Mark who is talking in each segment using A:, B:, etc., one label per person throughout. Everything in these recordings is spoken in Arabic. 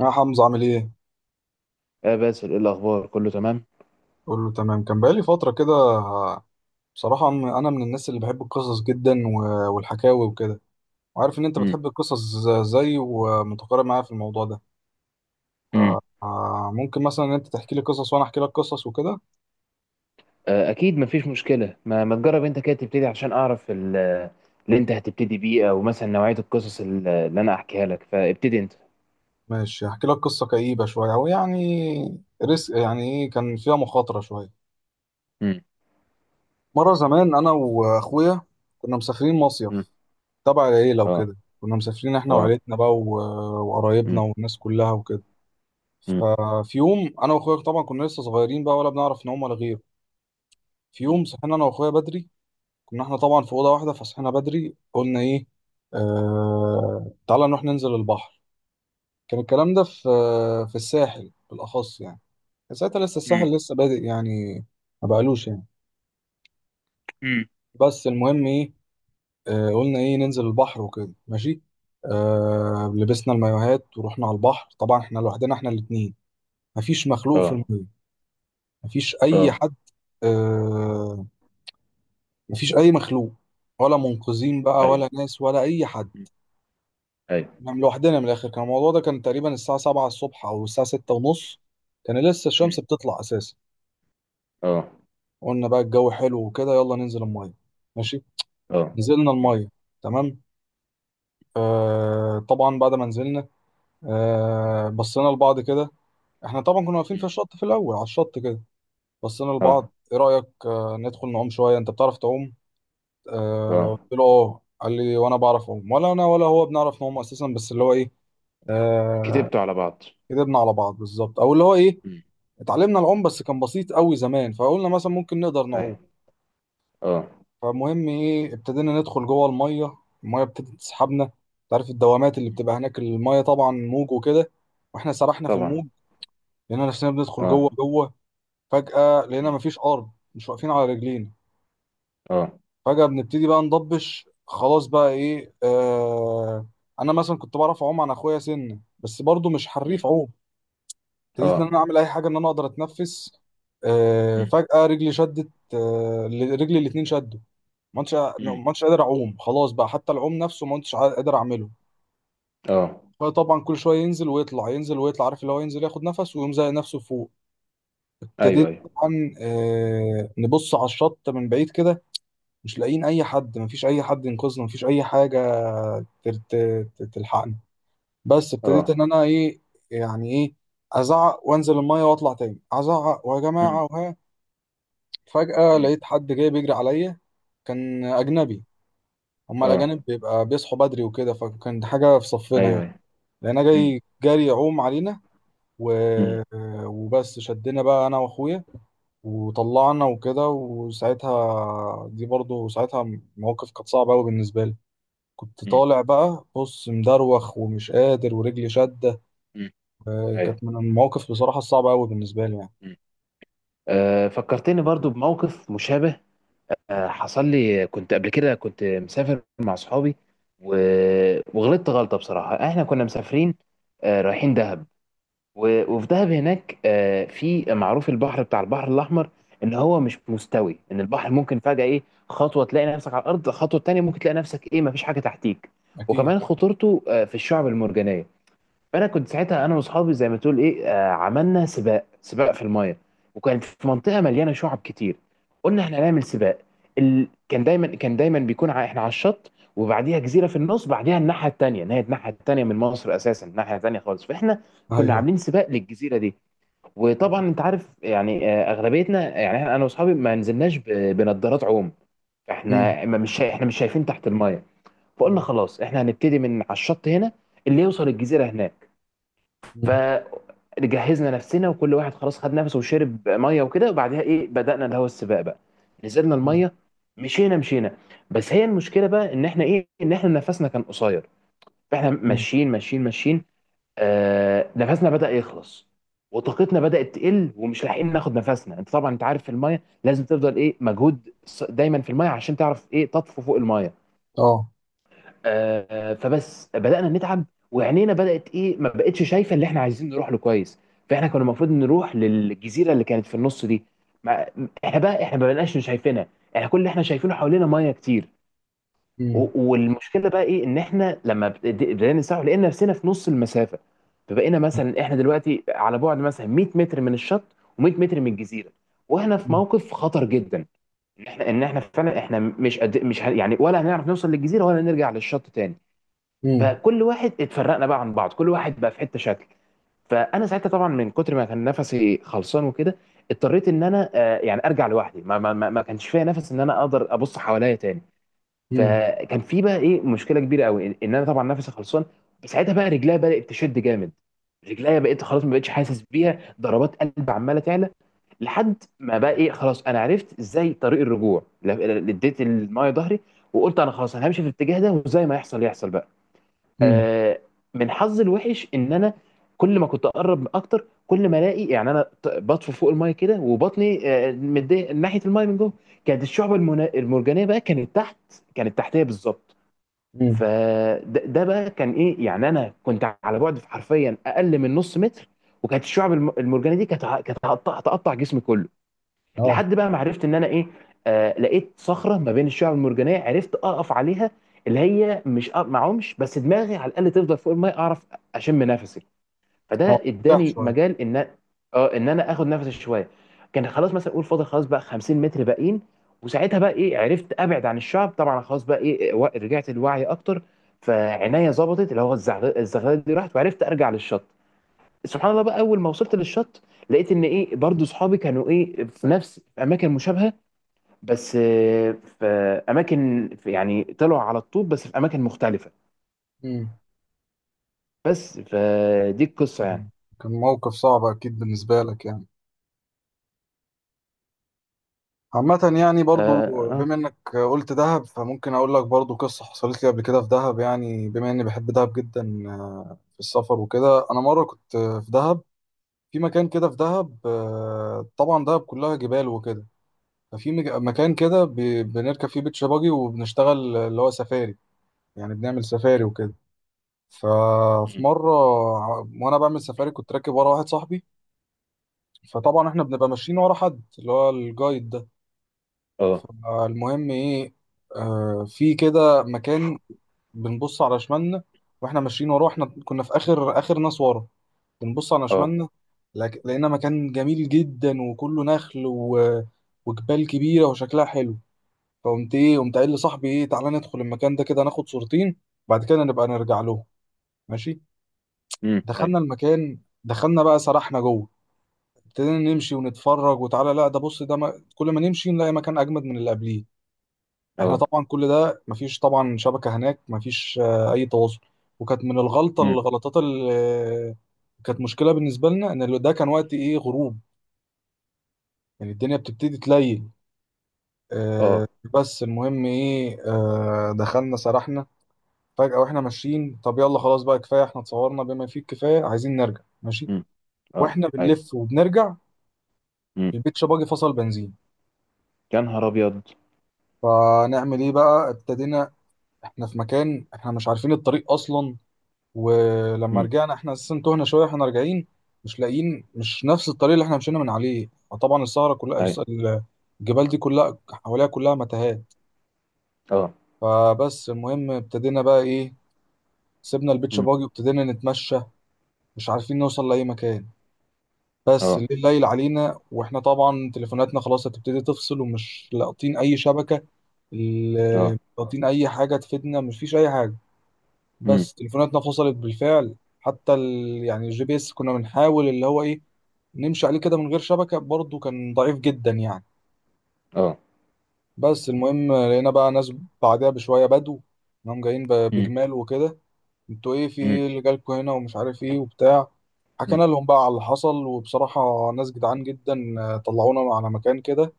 A: يا حمزة عامل ايه؟
B: آه باسل، ايه الاخبار؟ كله تمام؟
A: قول له تمام كان بقالي فترة كده. بصراحة أنا من الناس اللي بحب القصص جدا والحكاوي وكده، وعارف إن أنت
B: مم.
A: بتحب القصص زي ومتقارب معايا في الموضوع ده.
B: مم.
A: ممكن مثلا إن أنت تحكي لي قصص وأنا أحكي لك قصص وكده.
B: آه اكيد مفيش مشكله. ما تجرب انت كده تبتدي عشان اعرف اللي انت هتبتدي بيه، او مثلا نوعيه القصص اللي انا احكيها لك، فابتدي انت.
A: ماشي، هحكي لك قصة كئيبة شوية، أو يعني ريسك، يعني إيه، كان فيها مخاطرة شوية.
B: مم.
A: مرة زمان أنا وأخويا كنا مسافرين
B: مم.
A: مصيف تبع العيلة
B: اه.
A: وكده. كنا مسافرين إحنا
B: اه.
A: وعيلتنا بقى وقرايبنا
B: مم.
A: والناس كلها وكده.
B: مم.
A: ففي يوم انا واخويا طبعا كنا لسه صغيرين بقى، ولا بنعرف نعوم ولا غيره. في
B: مم.
A: يوم صحينا انا واخويا بدري، كنا احنا طبعا في اوضه واحده، فصحينا بدري قلنا ايه، تعالى نروح ننزل البحر. كان الكلام ده في في الساحل بالاخص يعني، كان ساعتها لسه
B: مم.
A: الساحل لسه بادئ يعني، ما بقالوش يعني.
B: مم.
A: بس المهم ايه، قلنا ايه ننزل البحر وكده، ماشي. لبسنا المايوهات ورحنا على البحر. طبعا احنا لوحدنا احنا الاتنين، مفيش مخلوق في
B: اه.
A: الميه، مفيش اي
B: اه.
A: حد، آه، مفيش اي مخلوق، ولا منقذين بقى ولا
B: ايوه.
A: ناس ولا اي حد.
B: مم. ايوه.
A: نعم لوحدنا من الاخر. كان الموضوع ده كان تقريبا الساعه 7 الصبح او الساعه 6 ونص، كان لسه الشمس
B: مم.
A: بتطلع اساسا.
B: اه.
A: قلنا بقى الجو حلو وكده، يلا ننزل الميه، ماشي.
B: اه.
A: نزلنا
B: مم.
A: الميه، تمام. آه طبعا بعد ما نزلنا، آه بصينا لبعض كده. احنا طبعا كنا واقفين في
B: مم.
A: الشط في الاول، على الشط كده. بصينا لبعض،
B: اه.
A: ايه رايك آه ندخل نعوم شويه؟ انت بتعرف تعوم؟ آه
B: اه.
A: قلت له اه، قال لي وانا بعرف اعوم، ولا انا ولا هو بنعرف نعوم اساسا، بس اللي هو ايه، آه
B: كتبته على بعض.
A: كدبنا على بعض بالظبط. او اللي هو ايه،
B: مم.
A: اتعلمنا العوم
B: مم.
A: بس كان بسيط قوي زمان، فقلنا مثلا ممكن نقدر نعوم.
B: ايوه. اه.
A: فمهم ايه، ابتدينا ندخل جوه الميه. الميه ابتدت تسحبنا. انت عارف الدوامات اللي
B: مم.
A: بتبقى هناك، الميه طبعا موج وكده، واحنا سرحنا في
B: طبعا.
A: الموج. لقينا نفسنا بندخل
B: اه.
A: جوه جوه. فجأة لقينا
B: مم.
A: مفيش ارض، مش واقفين على رجلينا.
B: اه.
A: فجأة بنبتدي بقى نضبش، خلاص بقى ايه آه. انا مثلا كنت بعرف اعوم عن اخويا سنة، بس برضو مش
B: مم.
A: حريف عوم. ابتديت ان انا
B: اه.
A: اعمل اي حاجه ان انا اقدر اتنفس.
B: مم.
A: فجاه رجلي شدت، رجلي الاتنين شدوا. ما كنتش
B: مم.
A: ما كنتش قادر اعوم، خلاص بقى حتى العوم نفسه ما كنتش قادر اعمله.
B: اه.
A: فطبعا كل شويه ينزل ويطلع، ينزل ويطلع، عارف اللي هو ينزل ياخد نفس ويقوم زي نفسه فوق.
B: ايوه
A: ابتديت
B: ايوه.
A: طبعا نبص على الشط من بعيد كده، مش لاقيين اي حد، مفيش اي حد ينقذنا، مفيش اي حاجه تر- ت- تلحقنا. بس ابتديت
B: اه.
A: ان انا ايه، يعني ايه، ازعق وانزل الميه واطلع تاني ازعق ويا
B: مم.
A: جماعه وها. فجأة
B: مم.
A: لقيت حد جاي بيجري عليا، كان
B: مم.
A: أجنبي. هما
B: اه.
A: الأجانب بيبقى بيصحوا بدري وكده، فكان دي حاجة في صفنا
B: ايوه
A: يعني.
B: ايوه.
A: لقينا
B: مم.
A: جاي جاري يعوم علينا و...
B: مم.
A: وبس شدنا بقى أنا وأخويا وطلعنا وكده. وساعتها دي برضو ساعتها مواقف كانت صعبة أوي بالنسبة لي. كنت
B: مم.
A: طالع بقى بص مدروخ ومش قادر ورجلي شدة.
B: مم. ايوه.
A: كانت من المواقف بصراحة الصعبة أوي بالنسبة لي يعني.
B: مم. فكرتني برضو بموقف مشابه. حصل لي، كنت قبل كده كنت مسافر مع صحابي. و... وغلطت غلطة بصراحة. احنا كنا مسافرين، رايحين دهب. وفي دهب هناك، في معروف البحر بتاع البحر الأحمر، إن هو مش مستوي. إن البحر ممكن فجأة إيه، خطوة تلاقي نفسك على الأرض، خطوة تانية ممكن تلاقي نفسك إيه مفيش حاجة تحتيك.
A: أكيد.
B: وكمان خطورته في الشعب المرجانية. فانا كنت ساعتها انا واصحابي زي ما تقول ايه عملنا سباق، سباق في المايه، وكانت في منطقه مليانه شعب كتير. قلنا احنا هنعمل سباق. كان دايما بيكون احنا على الشط، وبعديها جزيره في النص، بعديها الناحيه التانيه، ان هي الناحيه التانيه من مصر اساسا، الناحيه التانيه خالص. فاحنا كنا
A: أيوه.
B: عاملين سباق للجزيره دي. وطبعا انت عارف يعني آه، اغلبيتنا يعني انا واصحابي ما نزلناش بنضارات عوم.
A: مم.
B: احنا مش شايفين تحت المايه. فقلنا
A: مم.
B: خلاص احنا هنبتدي من على الشط هنا، اللي يوصل الجزيره هناك.
A: مم.
B: فجهزنا نفسنا، وكل واحد خلاص خد نفسه وشرب ميه وكده، وبعدها ايه بدأنا اللي هو السباق بقى. نزلنا الميه، مشينا مشينا. بس هي المشكله بقى ان احنا ايه، ان احنا نفسنا كان قصير. فاحنا
A: مم.
B: ماشيين ماشيين ماشيين، آه نفسنا بدأ يخلص وطاقتنا بدأت تقل، ومش لاحقين ناخد نفسنا. انت طبعا انت عارف في الميه لازم تفضل ايه مجهود دايما في الميه عشان تعرف ايه تطفو فوق الميه.
A: أه.
B: فبس بدأنا نتعب، وعينينا بدأت ايه ما بقتش شايفة اللي احنا عايزين نروح له كويس. فاحنا كنا المفروض نروح للجزيرة اللي كانت في النص دي. ما احنا بقى احنا ما بقناش شايفينها. احنا كل اللي احنا شايفينه حوالينا ميه كتير.
A: امم.
B: والمشكلة بقى ايه ان احنا لما بدأنا نسرح لقينا نفسنا في نص المسافة. فبقينا مثلا احنا دلوقتي على بعد مثلا 100 متر من الشط، و100 متر من الجزيرة، واحنا في
A: امم.
B: موقف خطر جدا. ان احنا ان احنا فعلا احنا مش قد مش ه- يعني ولا هنعرف نوصل للجزيرة ولا نرجع للشط تاني.
A: امم.
B: فكل واحد اتفرقنا بقى عن بعض، كل واحد بقى في حته شكل. فانا ساعتها طبعا من كتر ما كان نفسي خلصان وكده، اضطريت ان انا يعني ارجع لوحدي. ما كانش فيا نفس ان انا اقدر ابص حواليا تاني. فكان في بقى ايه مشكله كبيره قوي ان إن انا طبعا نفسي خلصان. ساعتها بقى رجليا بدات تشد جامد، رجليا بقيت خلاص ما بقتش حاسس بيها، ضربات قلب عماله تعلى. لحد ما بقى ايه خلاص انا عرفت ازاي طريق الرجوع. اديت المايه ظهري، وقلت انا خلاص انا همشي في الاتجاه ده، وزي ما يحصل يحصل بقى.
A: امم.
B: آه، من حظي الوحش ان انا كل ما كنت اقرب اكتر كل ما الاقي يعني انا بطفو فوق المايه كده، وبطني متضايق ناحيه المايه من جوه. كانت الشعب المرجانيه بقى كانت تحت، كانت تحتيه بالظبط.
A: امم.
B: فده بقى كان ايه، يعني انا كنت على بعد حرفيا اقل من نص متر، وكانت الشعب المرجانيه دي كانت كانت هتقطع هتقطع جسمي كله.
A: اه.
B: لحد بقى ما عرفت ان انا ايه، آه لقيت صخره ما بين الشعب المرجانيه، عرفت اقف عليها. اللي هي مش ما اعومش، بس دماغي على الاقل تفضل فوق الميه اعرف اشم نفسي. فده
A: اه. ارتاح
B: اداني
A: شوية.
B: مجال ان اه ان انا اخد نفسي شويه. كان خلاص مثلا اقول فاضل خلاص بقى 50 متر باقيين. وساعتها بقى ايه عرفت ابعد عن الشعب طبعا، خلاص بقى ايه، رجعت لوعي اكتر. فعناية ظبطت، اللي هو الزغلله دي راحت، وعرفت ارجع للشط. سبحان الله بقى اول ما وصلت للشط لقيت ان ايه برضو صحابي كانوا ايه في نفس اماكن مشابهه، بس في اماكن، في يعني طلعوا على الطوب بس في اماكن مختلفه.
A: امم.
B: بس فدي القصه يعني.
A: كان موقف صعب أكيد بالنسبة لك يعني، عامة يعني برضو
B: اه. اه.
A: بما إنك قلت دهب، فممكن أقول لك برضو قصة حصلت لي قبل كده في دهب، يعني بما إني بحب دهب جدا. في السفر وكده، أنا مرة كنت في دهب. في مكان كده في دهب، طبعا دهب كلها جبال وكده. ففي مكان كده بنركب فيه بيتش باجي وبنشتغل اللي هو سفاري، يعني بنعمل سفاري وكده. ففي
B: مم.
A: مرة وأنا بعمل سفاري كنت راكب ورا واحد صاحبي. فطبعا إحنا بنبقى ماشيين ورا حد، اللي هو الجايد ده.
B: اه.
A: فالمهم إيه، في كده مكان بنبص على شمالنا، وإحنا ماشيين وراه، إحنا كنا في آخر آخر ناس ورا. بنبص على
B: اه.
A: شمالنا، لقينا مكان جميل جدا، وكله نخل وجبال كبيرة وشكلها حلو. فقمت إيه، قمت قايل لصاحبي إيه، تعالى ندخل المكان ده كده ناخد صورتين، بعد كده نبقى نرجع له، ماشي.
B: امم. اي.
A: دخلنا المكان، دخلنا بقى سرحنا جوه. ابتدينا نمشي ونتفرج، وتعالى لا ده بص ده ما... كل ما نمشي نلاقي مكان اجمد من اللي قبليه. احنا
B: اه.
A: طبعا كل ده مفيش طبعا شبكة هناك، مفيش اي تواصل. وكانت من
B: امم.
A: الغلطات اللي كانت مشكلة بالنسبة لنا ان اللي ده كان وقت ايه، غروب، يعني الدنيا بتبتدي تليل. آه،
B: اه.
A: بس المهم ايه، دخلنا سرحنا. فجأة واحنا ماشيين، طب يلا خلاص بقى كفاية، احنا اتصورنا بما فيه الكفاية، عايزين نرجع، ماشي.
B: امم. اه.
A: واحنا
B: اي.
A: بنلف وبنرجع،
B: امم.
A: البيتش باجي فصل بنزين.
B: يا نهار ابيض.
A: فنعمل ايه بقى، ابتدينا، احنا في مكان احنا مش عارفين الطريق اصلا. ولما
B: امم.
A: رجعنا احنا اساسا تهنا شويه احنا راجعين، مش لاقيين، مش نفس الطريق اللي احنا مشينا من عليه. فطبعا السهره كلها،
B: اي.
A: الجبال دي كلها حواليها كلها متاهات.
B: اه.
A: فبس المهم ابتدينا بقى ايه، سيبنا البيتش
B: امم.
A: باجي وابتدينا نتمشى. مش عارفين نوصل لاي مكان، بس
B: اه.
A: الليل ليل علينا، واحنا طبعا تليفوناتنا خلاص هتبتدي تفصل، ومش لاقطين اي شبكه،
B: اه.
A: لاقطين اي حاجه تفيدنا، مفيش اي حاجه.
B: امم.
A: بس تليفوناتنا فصلت بالفعل، حتى ال... يعني الجي بي اس كنا بنحاول اللي هو ايه، نمشي عليه كده من غير شبكه، برضه كان ضعيف جدا يعني.
B: اه.
A: بس المهم لقينا بقى ناس بعدها بشويه، بدو، انهم جايين
B: امم.
A: بجمال وكده. انتوا ايه، في
B: امم.
A: ايه اللي جالكوا هنا، ومش عارف ايه وبتاع.
B: امم.
A: حكينا لهم بقى على اللي حصل، وبصراحة ناس جدعان جدا، طلعونا على مكان كده،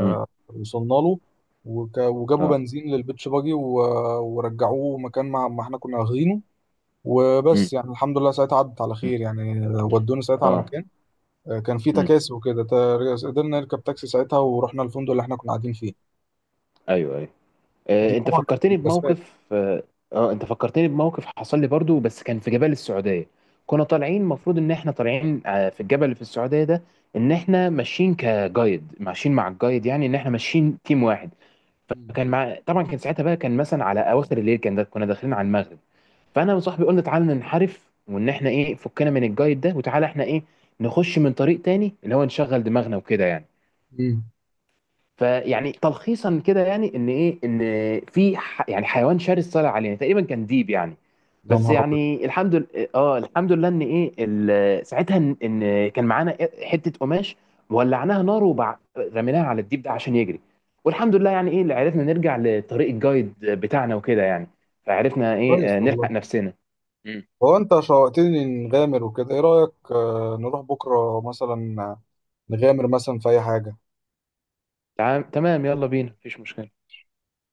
B: امم.
A: وصلنا له، وجابوا
B: اه.
A: بنزين للبيتش باجي ورجعوه مكان ما احنا كنا واخدينه.
B: امم.
A: وبس يعني الحمد لله ساعتها عدت على
B: امم.
A: خير يعني. ودونا ساعتها على
B: اه.
A: مكان، كان في
B: امم.
A: تكاسي وكده، قدرنا نركب تاكسي ساعتها، ورحنا الفندق اللي احنا كنا قاعدين فيه.
B: ايوه ايوه.
A: دي
B: آه، انت
A: طبعا كانت من
B: فكرتني
A: الأسباب.
B: بموقف اه انت فكرتني بموقف حصل لي برضو، بس كان في جبال السعودية. كنا طالعين المفروض ان احنا طالعين في الجبل اللي في السعودية ده، ان احنا ماشيين كجايد، ماشيين مع الجايد، يعني ان احنا ماشيين تيم واحد.
A: مم.
B: فكان مع طبعا كان ساعتها بقى كان مثلا على اواخر الليل، كان ده كنا داخلين على المغرب. فانا وصاحبي قلنا تعالى ننحرف، وان احنا ايه فكنا من الجايد ده، وتعالى احنا ايه نخش من طريق تاني اللي هو نشغل دماغنا وكده يعني.
A: مم.
B: فيعني تلخيصا كده يعني ان ايه، ان في يعني حيوان شرس طلع علينا، تقريبا كان ديب يعني.
A: يا
B: بس
A: نهار أبيض.
B: يعني الحمد لله. اه الحمد لله ان ايه ساعتها ان إن كان معانا حته قماش، ولعناها نار رميناها على الديب ده عشان يجري. والحمد لله يعني ايه اللي عرفنا نرجع لطريق الجايد بتاعنا وكده يعني. فعرفنا
A: كويس
B: ايه
A: والله.
B: نلحق نفسنا. مم.
A: هو انت شوقتني نغامر وكده، ايه رأيك نروح بكرة مثلا، نغامر مثلا في اي حاجة؟
B: تمام تمام، يلا بينا مفيش مشكله.